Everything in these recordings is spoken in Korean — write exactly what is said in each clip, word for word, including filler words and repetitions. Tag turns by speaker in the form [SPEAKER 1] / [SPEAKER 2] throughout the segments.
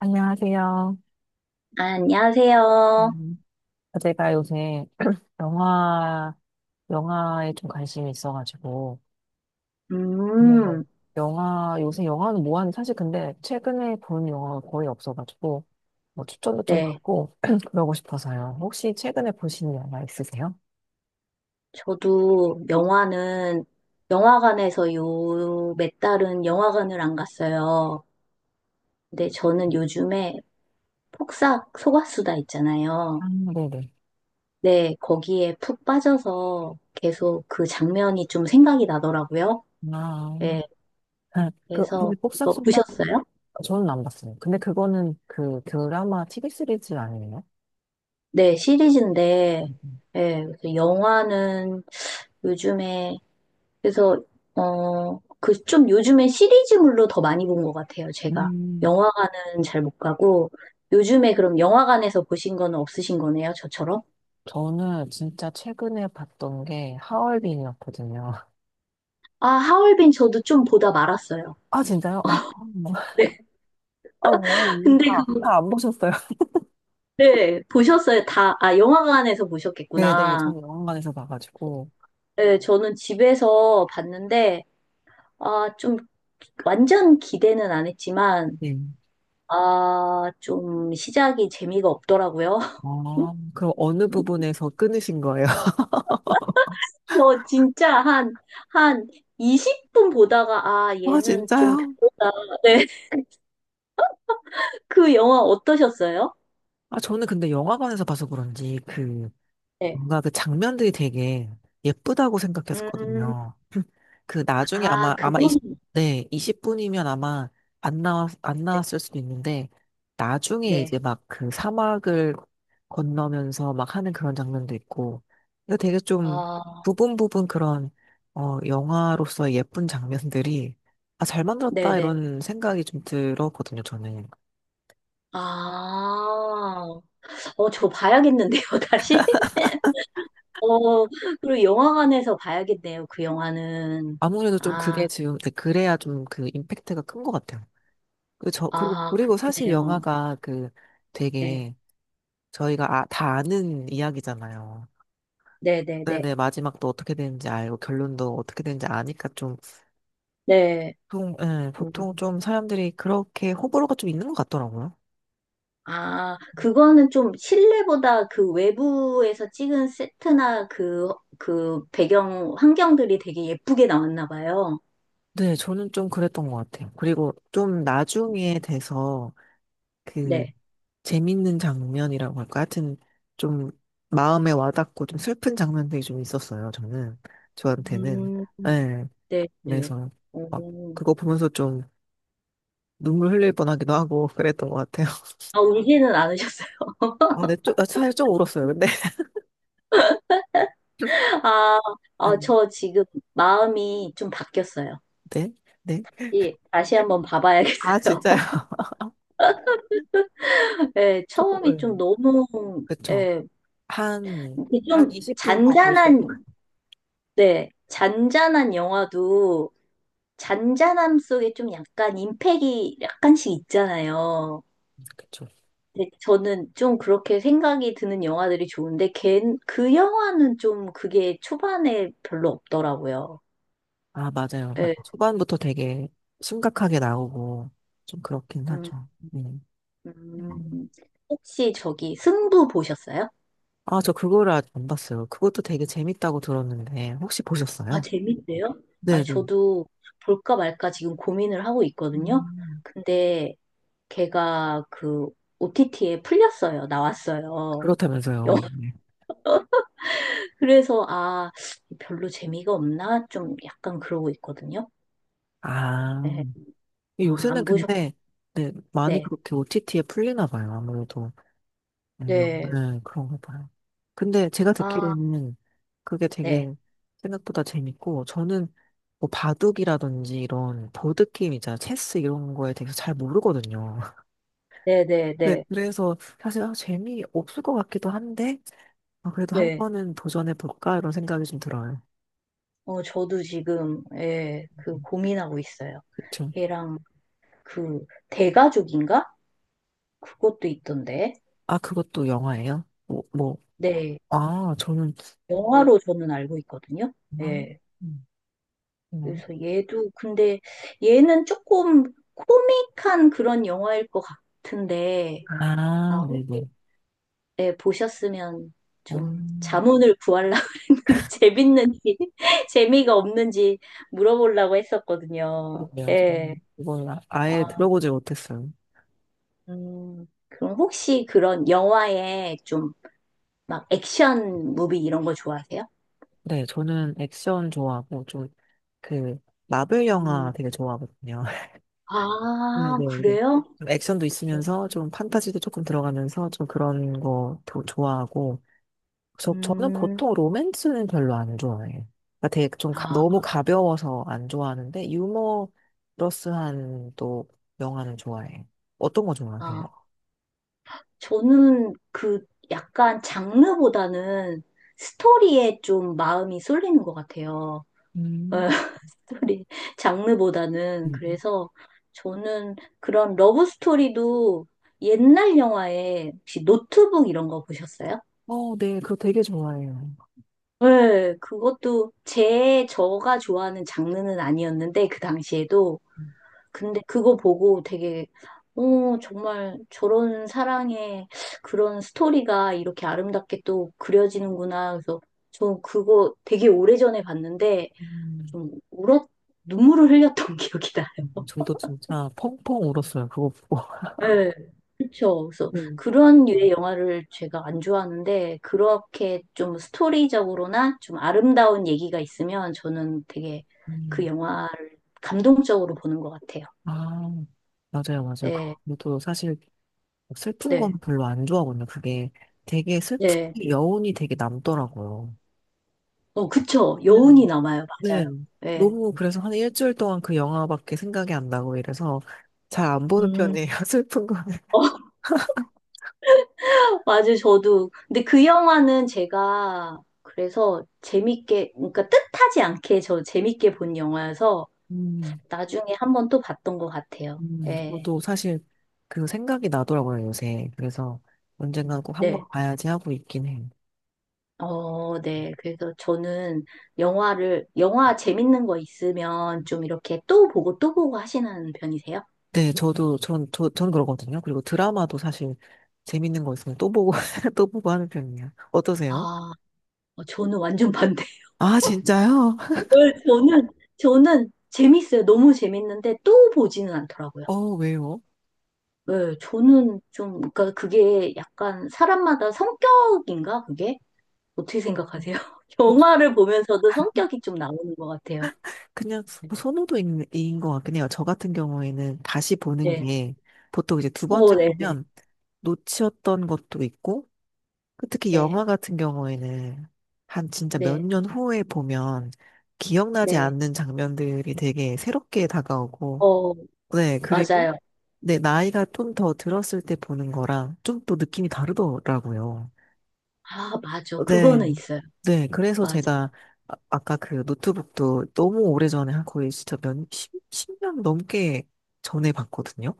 [SPEAKER 1] 안녕하세요.
[SPEAKER 2] 안녕하세요.
[SPEAKER 1] 음, 제가 요새 영화, 영화에 좀 관심이 있어가지고, 네.
[SPEAKER 2] 음,
[SPEAKER 1] 영화, 요새 영화는 뭐하는 사실 근데 최근에 본 영화가 거의 없어가지고, 뭐 추천도 좀
[SPEAKER 2] 네.
[SPEAKER 1] 받고, 그러고 싶어서요. 혹시 최근에 보신 영화 있으세요?
[SPEAKER 2] 저도 영화는 영화관에서 요 몇 달은 영화관을 안 갔어요. 근데 저는 요즘에 폭싹 속았수다 있잖아요.
[SPEAKER 1] 아, 네네.
[SPEAKER 2] 네, 거기에 푹 빠져서 계속 그 장면이 좀 생각이 나더라고요.
[SPEAKER 1] 아,
[SPEAKER 2] 네,
[SPEAKER 1] 아, 그, 그,
[SPEAKER 2] 그래서 그거
[SPEAKER 1] pop싹소다?
[SPEAKER 2] 보셨어요?
[SPEAKER 1] 저는 안 봤어요. 근데 그거는 그 드라마 티비 시리즈 아니에요?
[SPEAKER 2] 네, 시리즈인데, 네, 그래서 영화는 요즘에 그래서 어, 그 좀 요즘에 시리즈물로 더 많이 본 것 같아요, 제가.
[SPEAKER 1] 음,
[SPEAKER 2] 영화관은 잘 못 가고 요즘에 그럼 영화관에서 보신 거는 없으신 거네요, 저처럼?
[SPEAKER 1] 저는 진짜 최근에 봤던 게 하얼빈이었거든요.
[SPEAKER 2] 아, 하얼빈 저도 좀 보다 말았어요.
[SPEAKER 1] 아, 진짜요? 아, 뭐.
[SPEAKER 2] 네.
[SPEAKER 1] 아, 왜요?
[SPEAKER 2] 근데
[SPEAKER 1] 다,
[SPEAKER 2] 그
[SPEAKER 1] 다 안 보셨어요?
[SPEAKER 2] 네, 보셨어요. 다, 아, 영화관에서
[SPEAKER 1] 네네,
[SPEAKER 2] 보셨겠구나.
[SPEAKER 1] 저는 영화관에서 봐가지고.
[SPEAKER 2] 네, 저는 집에서 봤는데 아, 좀 완전 기대는 안 했지만
[SPEAKER 1] 네.
[SPEAKER 2] 아, 좀 시작이 재미가 없더라고요.
[SPEAKER 1] 아, 그럼 어느 부분에서 끊으신 거예요?
[SPEAKER 2] 저 진짜 한, 한 이십 분 보다가, 아,
[SPEAKER 1] 아,
[SPEAKER 2] 얘는 좀
[SPEAKER 1] 진짜요?
[SPEAKER 2] 별로다. 네. 그 영화 어떠셨어요?
[SPEAKER 1] 아, 저는 근데 영화관에서 봐서 그런지 그,
[SPEAKER 2] 네.
[SPEAKER 1] 뭔가 그 장면들이 되게 예쁘다고
[SPEAKER 2] 음,
[SPEAKER 1] 생각했었거든요. 그 나중에
[SPEAKER 2] 아,
[SPEAKER 1] 아마 아마 이십,
[SPEAKER 2] 그거는,
[SPEAKER 1] 네, 이십 분이면 아마 안 나왔 안
[SPEAKER 2] 네.
[SPEAKER 1] 나왔을 수도 있는데 나중에
[SPEAKER 2] 네.
[SPEAKER 1] 이제 막 그 사막을 건너면서 막 하는 그런 장면도 있고 이거 되게 좀
[SPEAKER 2] 아,
[SPEAKER 1] 부분 부분 그런 어 영화로서의 예쁜 장면들이 아, 잘 만들었다
[SPEAKER 2] 네네.
[SPEAKER 1] 이런 생각이 좀 들었거든요 저는.
[SPEAKER 2] 아, 어, 저 봐야겠는데요, 다시? 어, 그리고 영화관에서 봐야겠네요, 그 영화는.
[SPEAKER 1] 아무래도 좀 그게
[SPEAKER 2] 아,
[SPEAKER 1] 지금 네, 그래야 좀 그 임팩트가 큰 것 같아요. 그리고 저 그리고
[SPEAKER 2] 아,
[SPEAKER 1] 그리고 사실
[SPEAKER 2] 그러네요.
[SPEAKER 1] 영화가 그
[SPEAKER 2] 네,
[SPEAKER 1] 되게 저희가 아, 다 아는 이야기잖아요.
[SPEAKER 2] 네네네. 네.
[SPEAKER 1] 네네, 마지막도 어떻게 되는지 알고, 결론도 어떻게 되는지 아니까 좀,
[SPEAKER 2] 네, 네, 네.
[SPEAKER 1] 보통, 예, 보통
[SPEAKER 2] 네.
[SPEAKER 1] 좀 사람들이 그렇게 호불호가 좀 있는 것 같더라고요.
[SPEAKER 2] 아, 그거는 좀 실내보다 그 외부에서 찍은 세트나 그, 그 배경 환경들이 되게 예쁘게 나왔나 봐요.
[SPEAKER 1] 네, 저는 좀 그랬던 것 같아요. 그리고 좀 나중에 돼서, 그,
[SPEAKER 2] 네.
[SPEAKER 1] 재밌는 장면이라고 할까? 하여튼, 좀, 마음에 와닿고 좀 슬픈 장면들이 좀 있었어요, 저는. 저한테는.
[SPEAKER 2] 음,
[SPEAKER 1] 예,
[SPEAKER 2] 네, 네.
[SPEAKER 1] 그래서, 막,
[SPEAKER 2] 오.
[SPEAKER 1] 그거 보면서 좀, 눈물 흘릴 뻔하기도 하고, 그랬던 것 같아요.
[SPEAKER 2] 아, 울지는 않으셨어요?
[SPEAKER 1] 아, 네, 좀, 아, 사실 좀 울었어요, 근데.
[SPEAKER 2] 아, 아,
[SPEAKER 1] 음,
[SPEAKER 2] 저 지금 마음이 좀 바뀌었어요.
[SPEAKER 1] 네, 네.
[SPEAKER 2] 예, 다시 한번
[SPEAKER 1] 아, 진짜.
[SPEAKER 2] 봐봐야겠어요. 예, 처음이
[SPEAKER 1] 조금,
[SPEAKER 2] 좀
[SPEAKER 1] 예,
[SPEAKER 2] 너무,
[SPEAKER 1] 그쵸.
[SPEAKER 2] 예,
[SPEAKER 1] 한,
[SPEAKER 2] 이게
[SPEAKER 1] 한
[SPEAKER 2] 좀
[SPEAKER 1] 이십 분 더 보시고.
[SPEAKER 2] 잔잔한, 네, 잔잔한 영화도 잔잔함 속에 좀 약간 임팩이 약간씩 있잖아요.
[SPEAKER 1] 그쵸.
[SPEAKER 2] 근데 저는 좀 그렇게 생각이 드는 영화들이 좋은데 걘, 그 영화는 좀 그게 초반에 별로 없더라고요.
[SPEAKER 1] 아, 맞아요. 맞아요.
[SPEAKER 2] 예.
[SPEAKER 1] 초반부터 되게 심각하게 나오고, 좀 그렇긴
[SPEAKER 2] 음,
[SPEAKER 1] 하죠. 네.
[SPEAKER 2] 음.
[SPEAKER 1] 음.
[SPEAKER 2] 혹시 저기 승부 보셨어요?
[SPEAKER 1] 아, 저 그거를 아직 안 봤어요. 그것도 되게 재밌다고 들었는데, 혹시
[SPEAKER 2] 아,
[SPEAKER 1] 보셨어요?
[SPEAKER 2] 재밌대요?
[SPEAKER 1] 네.
[SPEAKER 2] 아니,
[SPEAKER 1] 네.
[SPEAKER 2] 저도 볼까 말까 지금 고민을 하고 있거든요.
[SPEAKER 1] 음,
[SPEAKER 2] 근데 걔가 그 오티티에 풀렸어요. 나왔어요.
[SPEAKER 1] 그렇다면서요. 네.
[SPEAKER 2] 그래서 아, 별로 재미가 없나? 좀 약간 그러고 있거든요.
[SPEAKER 1] 아,
[SPEAKER 2] 네. 아, 안
[SPEAKER 1] 요새는
[SPEAKER 2] 보셨,
[SPEAKER 1] 근데, 네, 많이
[SPEAKER 2] 네.
[SPEAKER 1] 그렇게 오티티에 풀리나 봐요, 아무래도. 음,
[SPEAKER 2] 네.
[SPEAKER 1] 네, 그런가 봐요. 근데 제가
[SPEAKER 2] 아,
[SPEAKER 1] 듣기로는 그게
[SPEAKER 2] 네.
[SPEAKER 1] 되게 생각보다 재밌고, 저는 뭐 바둑이라든지 이런 보드게임 있잖아요. 체스 이런 거에 대해서 잘 모르거든요. 네,
[SPEAKER 2] 네네네.
[SPEAKER 1] 그래서 사실 아, 재미없을 것 같기도 한데, 아, 그래도 한
[SPEAKER 2] 네.
[SPEAKER 1] 번은 도전해볼까? 이런 생각이 좀 들어요.
[SPEAKER 2] 어, 저도 지금, 예, 그
[SPEAKER 1] 음,
[SPEAKER 2] 고민하고 있어요.
[SPEAKER 1] 그쵸.
[SPEAKER 2] 걔랑 그 대가족인가? 그것도 있던데.
[SPEAKER 1] 아, 그것도 영화예요? 뭐, 뭐,
[SPEAKER 2] 네.
[SPEAKER 1] 아, 저는,
[SPEAKER 2] 영화로 저는 알고 있거든요.
[SPEAKER 1] 음,
[SPEAKER 2] 예.
[SPEAKER 1] 음, 음.
[SPEAKER 2] 그래서 얘도, 근데 얘는 조금 코믹한 그런 영화일 것 같은데,
[SPEAKER 1] 아,
[SPEAKER 2] 아,
[SPEAKER 1] 네네.
[SPEAKER 2] 예, 보셨으면 좀
[SPEAKER 1] 음.
[SPEAKER 2] 자문을 구하려고 했는데 재밌는지 재미가 없는지 물어보려고 했었거든요.
[SPEAKER 1] 그러게요.
[SPEAKER 2] 예.
[SPEAKER 1] 저는 이걸 아- 아예
[SPEAKER 2] 아,
[SPEAKER 1] 들어보지 못했어요.
[SPEAKER 2] 음, 그럼 혹시 그런 영화에 좀 막 액션 무비 이런 거 좋아하세요?
[SPEAKER 1] 네, 저는 액션 좋아하고 좀 그 마블 영화
[SPEAKER 2] 음.
[SPEAKER 1] 되게 좋아하거든요. 네,
[SPEAKER 2] 아,
[SPEAKER 1] 네, 네.
[SPEAKER 2] 그래요?
[SPEAKER 1] 좀 액션도 있으면서 좀 판타지도 조금 들어가면서 좀 그런 거도 좋아하고 저 저는
[SPEAKER 2] 음.
[SPEAKER 1] 보통 로맨스는 별로 안 좋아해요. 그러니까 되게 좀 가-
[SPEAKER 2] 아,
[SPEAKER 1] 너무 가벼워서 안 좋아하는데 유머러스한 또 영화는 좋아해요. 어떤 거 좋아하세요?
[SPEAKER 2] 아. 저는 그 약간 장르보다는 스토리에 좀 마음이 쏠리는 것 같아요.
[SPEAKER 1] 음.
[SPEAKER 2] 스토리 장르보다는
[SPEAKER 1] 음.
[SPEAKER 2] 그래서 저는 그런 러브 스토리도 옛날 영화에 혹시 노트북 이런 거 보셨어요?
[SPEAKER 1] 어, 네, 그거 되게 좋아해요.
[SPEAKER 2] 네, 그것도 제 저가 좋아하는 장르는 아니었는데 그 당시에도 근데 그거 보고 되게 어 정말 저런 사랑의 그런 스토리가 이렇게 아름답게 또 그려지는구나 그래서 저 그거 되게 오래전에 봤는데
[SPEAKER 1] 음.
[SPEAKER 2] 좀 울었 눈물을 흘렸던 기억이 나요.
[SPEAKER 1] 음, 저도 진짜 펑펑 울었어요. 그거 보고.
[SPEAKER 2] 네. 그렇죠. 그래서
[SPEAKER 1] 음.
[SPEAKER 2] 그런 류의 영화를 제가 안 좋아하는데 그렇게 좀 스토리적으로나 좀 아름다운 얘기가 있으면 저는 되게 그
[SPEAKER 1] 음.
[SPEAKER 2] 영화를 감동적으로 보는 것 같아요.
[SPEAKER 1] 아, 맞아요, 맞아요. 그-
[SPEAKER 2] 네,
[SPEAKER 1] 저도 사실 슬픈 건
[SPEAKER 2] 네,
[SPEAKER 1] 별로 안 좋아하거든요. 그게 되게 슬픈
[SPEAKER 2] 네.
[SPEAKER 1] 게 여운이 되게 남더라고요.
[SPEAKER 2] 어, 그쵸.
[SPEAKER 1] 네.
[SPEAKER 2] 여운이 남아요. 맞아요.
[SPEAKER 1] 네.
[SPEAKER 2] 네.
[SPEAKER 1] 너무 그래서 한 일주일 동안 그 영화밖에 생각이 안 나고 이래서 잘 안 보는
[SPEAKER 2] 음,
[SPEAKER 1] 편이에요. 슬픈 거는.
[SPEAKER 2] 맞아요. 저도. 근데 그 영화는 제가 그래서 재밌게, 그러니까 뜻하지 않게 저 재밌게 본 영화여서
[SPEAKER 1] 음,
[SPEAKER 2] 나중에 한번 또 봤던 것 같아요.
[SPEAKER 1] 음,
[SPEAKER 2] 네.
[SPEAKER 1] 저도 사실 그 생각이 나더라고요, 요새. 그래서 언젠간 꼭
[SPEAKER 2] 네.
[SPEAKER 1] 한번 봐야지 하고 있긴 해요.
[SPEAKER 2] 어, 네. 그래서 저는 영화를, 영화 재밌는 거 있으면 좀 이렇게 또 보고 또 보고 하시는 편이세요?
[SPEAKER 1] 네, 저도, 전, 저, 저는 그러거든요. 그리고 드라마도 사실 재밌는 거 있으면 또 보고, 또 보고 하는 편이에요. 어떠세요?
[SPEAKER 2] 아, 어, 저는 완전 반대.
[SPEAKER 1] 아, 진짜요?
[SPEAKER 2] 네, 저는, 저는 재밌어요. 너무 재밌는데 또 보지는 않더라고요.
[SPEAKER 1] 어, 왜요?
[SPEAKER 2] 네, 저는 좀, 그러니까 그게 약간 사람마다 성격인가, 그게? 어떻게 생각하세요?
[SPEAKER 1] 뭐 저-
[SPEAKER 2] 영화를 보면서도 성격이 좀 나오는 것 같아요.
[SPEAKER 1] 그냥
[SPEAKER 2] 네.
[SPEAKER 1] 선호도인 인것 같긴 해요. 저 같은 경우에는 다시 보는
[SPEAKER 2] 네.
[SPEAKER 1] 게 보통 이제 두
[SPEAKER 2] 어,
[SPEAKER 1] 번째
[SPEAKER 2] 네, 네,
[SPEAKER 1] 보면 놓치었던 것도 있고, 그 특히
[SPEAKER 2] 네,
[SPEAKER 1] 영화 같은 경우에는 한 진짜 몇
[SPEAKER 2] 네,
[SPEAKER 1] 년 후에 보면 기억나지
[SPEAKER 2] 네.
[SPEAKER 1] 않는 장면들이 되게 새롭게 다가오고,
[SPEAKER 2] 어,
[SPEAKER 1] 네, 그리고
[SPEAKER 2] 맞아요.
[SPEAKER 1] 네, 나이가 좀 더 들었을 때 보는 거랑 좀 또 느낌이 다르더라고요.
[SPEAKER 2] 아, 맞아.
[SPEAKER 1] 네.
[SPEAKER 2] 그거는 있어요.
[SPEAKER 1] 네, 그래서
[SPEAKER 2] 맞아.
[SPEAKER 1] 제가 아, 아까 그 노트북도 너무 오래전에 한 거의 진짜 몇, 십, 년 넘게 전에 봤거든요.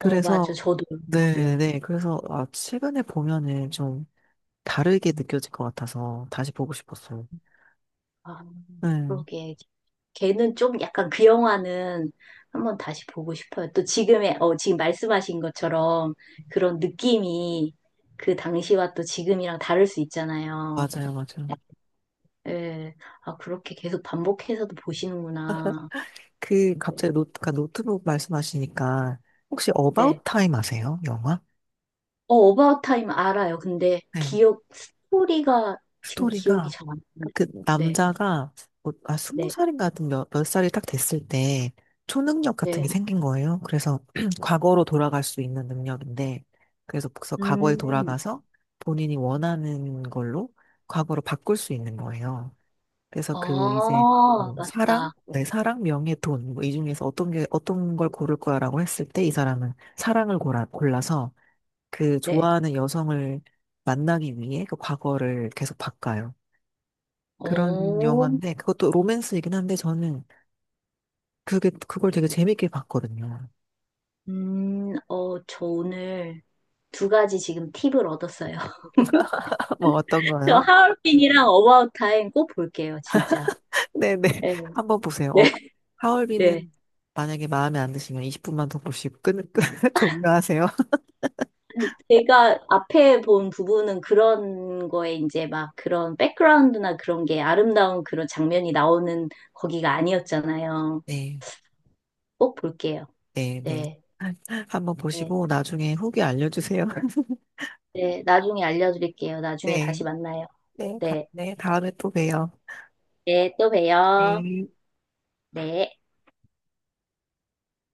[SPEAKER 2] 어, 맞아. 저도, 저도요.
[SPEAKER 1] 네, 네. 그래서 아, 최근에 보면은 좀 다르게 느껴질 것 같아서 다시 보고 싶었어요.
[SPEAKER 2] 아,
[SPEAKER 1] 네,
[SPEAKER 2] 그러게. 걔는 좀 약간 그 영화는 한번 다시 보고 싶어요. 또 지금의, 어, 지금 말씀하신 것처럼 그런 느낌이 그 당시와 또 지금이랑 다를 수 있잖아요.
[SPEAKER 1] 맞아요, 맞아요.
[SPEAKER 2] 예. 아, 그렇게 계속 반복해서도 보시는구나.
[SPEAKER 1] 그
[SPEAKER 2] 네.
[SPEAKER 1] 갑자기 노트, 그 노트북 말씀하시니까 혹시
[SPEAKER 2] 네.
[SPEAKER 1] 어바웃 타임 아세요? 영화?
[SPEAKER 2] 어, 어바웃 타임 알아요. 근데
[SPEAKER 1] 네.
[SPEAKER 2] 기억, 스토리가 지금 기억이
[SPEAKER 1] 스토리가
[SPEAKER 2] 잘 안 나요.
[SPEAKER 1] 그
[SPEAKER 2] 네,
[SPEAKER 1] 남자가 뭐, 아, 스무
[SPEAKER 2] 네,
[SPEAKER 1] 살인가 하여튼 몇, 몇 살이 딱 됐을 때 초능력 같은
[SPEAKER 2] 네.
[SPEAKER 1] 게 생긴 거예요. 그래서 과거로 돌아갈 수 있는 능력인데 그래서 그래서 과거에
[SPEAKER 2] 음.
[SPEAKER 1] 돌아가서 본인이 원하는 걸로 과거로 바꿀 수 있는 거예요. 그래서 그 이제
[SPEAKER 2] 아,
[SPEAKER 1] 뭐 사랑,
[SPEAKER 2] 맞다.
[SPEAKER 1] 네, 사랑, 명예, 돈, 뭐 이 중에서 어떤 게 어떤 걸 고를 거야라고 했을 때 이 사람은 사랑을 골라, 골라서 그
[SPEAKER 2] 네.
[SPEAKER 1] 좋아하는 여성을 만나기 위해 그 과거를 계속 바꿔요. 그런
[SPEAKER 2] 오,
[SPEAKER 1] 영화인데 그것도 로맨스이긴 한데 저는 그게 그걸 되게 재밌게 봤거든요.
[SPEAKER 2] 음, 어, 저 오늘 두 가지 지금 팁을 얻었어요.
[SPEAKER 1] 뭐 어떤
[SPEAKER 2] 저
[SPEAKER 1] 거요?
[SPEAKER 2] 하얼빈이랑 어바웃 타임 꼭 볼게요, 진짜.
[SPEAKER 1] 네네
[SPEAKER 2] 네,
[SPEAKER 1] 한번 보세요.
[SPEAKER 2] 네,
[SPEAKER 1] 어,
[SPEAKER 2] 네.
[SPEAKER 1] 하얼빈은 만약에 마음에 안 드시면 이십 분만 더 보시고 끊, 끊 종료하세요.
[SPEAKER 2] 아니, 제가 앞에 본 부분은 그런 거에 이제 막 그런 백그라운드나 그런 게 아름다운 그런 장면이 나오는 거기가 아니었잖아요.
[SPEAKER 1] 네,
[SPEAKER 2] 꼭 볼게요.
[SPEAKER 1] 네, 네.
[SPEAKER 2] 네,
[SPEAKER 1] 한번
[SPEAKER 2] 네,
[SPEAKER 1] 보시고 나중에 후기 알려주세요.
[SPEAKER 2] 네. 나중에 알려드릴게요. 나중에
[SPEAKER 1] 네,
[SPEAKER 2] 다시 만나요.
[SPEAKER 1] 네, 다,
[SPEAKER 2] 네,
[SPEAKER 1] 네, 다음에 또 봬요.
[SPEAKER 2] 네, 또 봬요.
[SPEAKER 1] 네.
[SPEAKER 2] 네.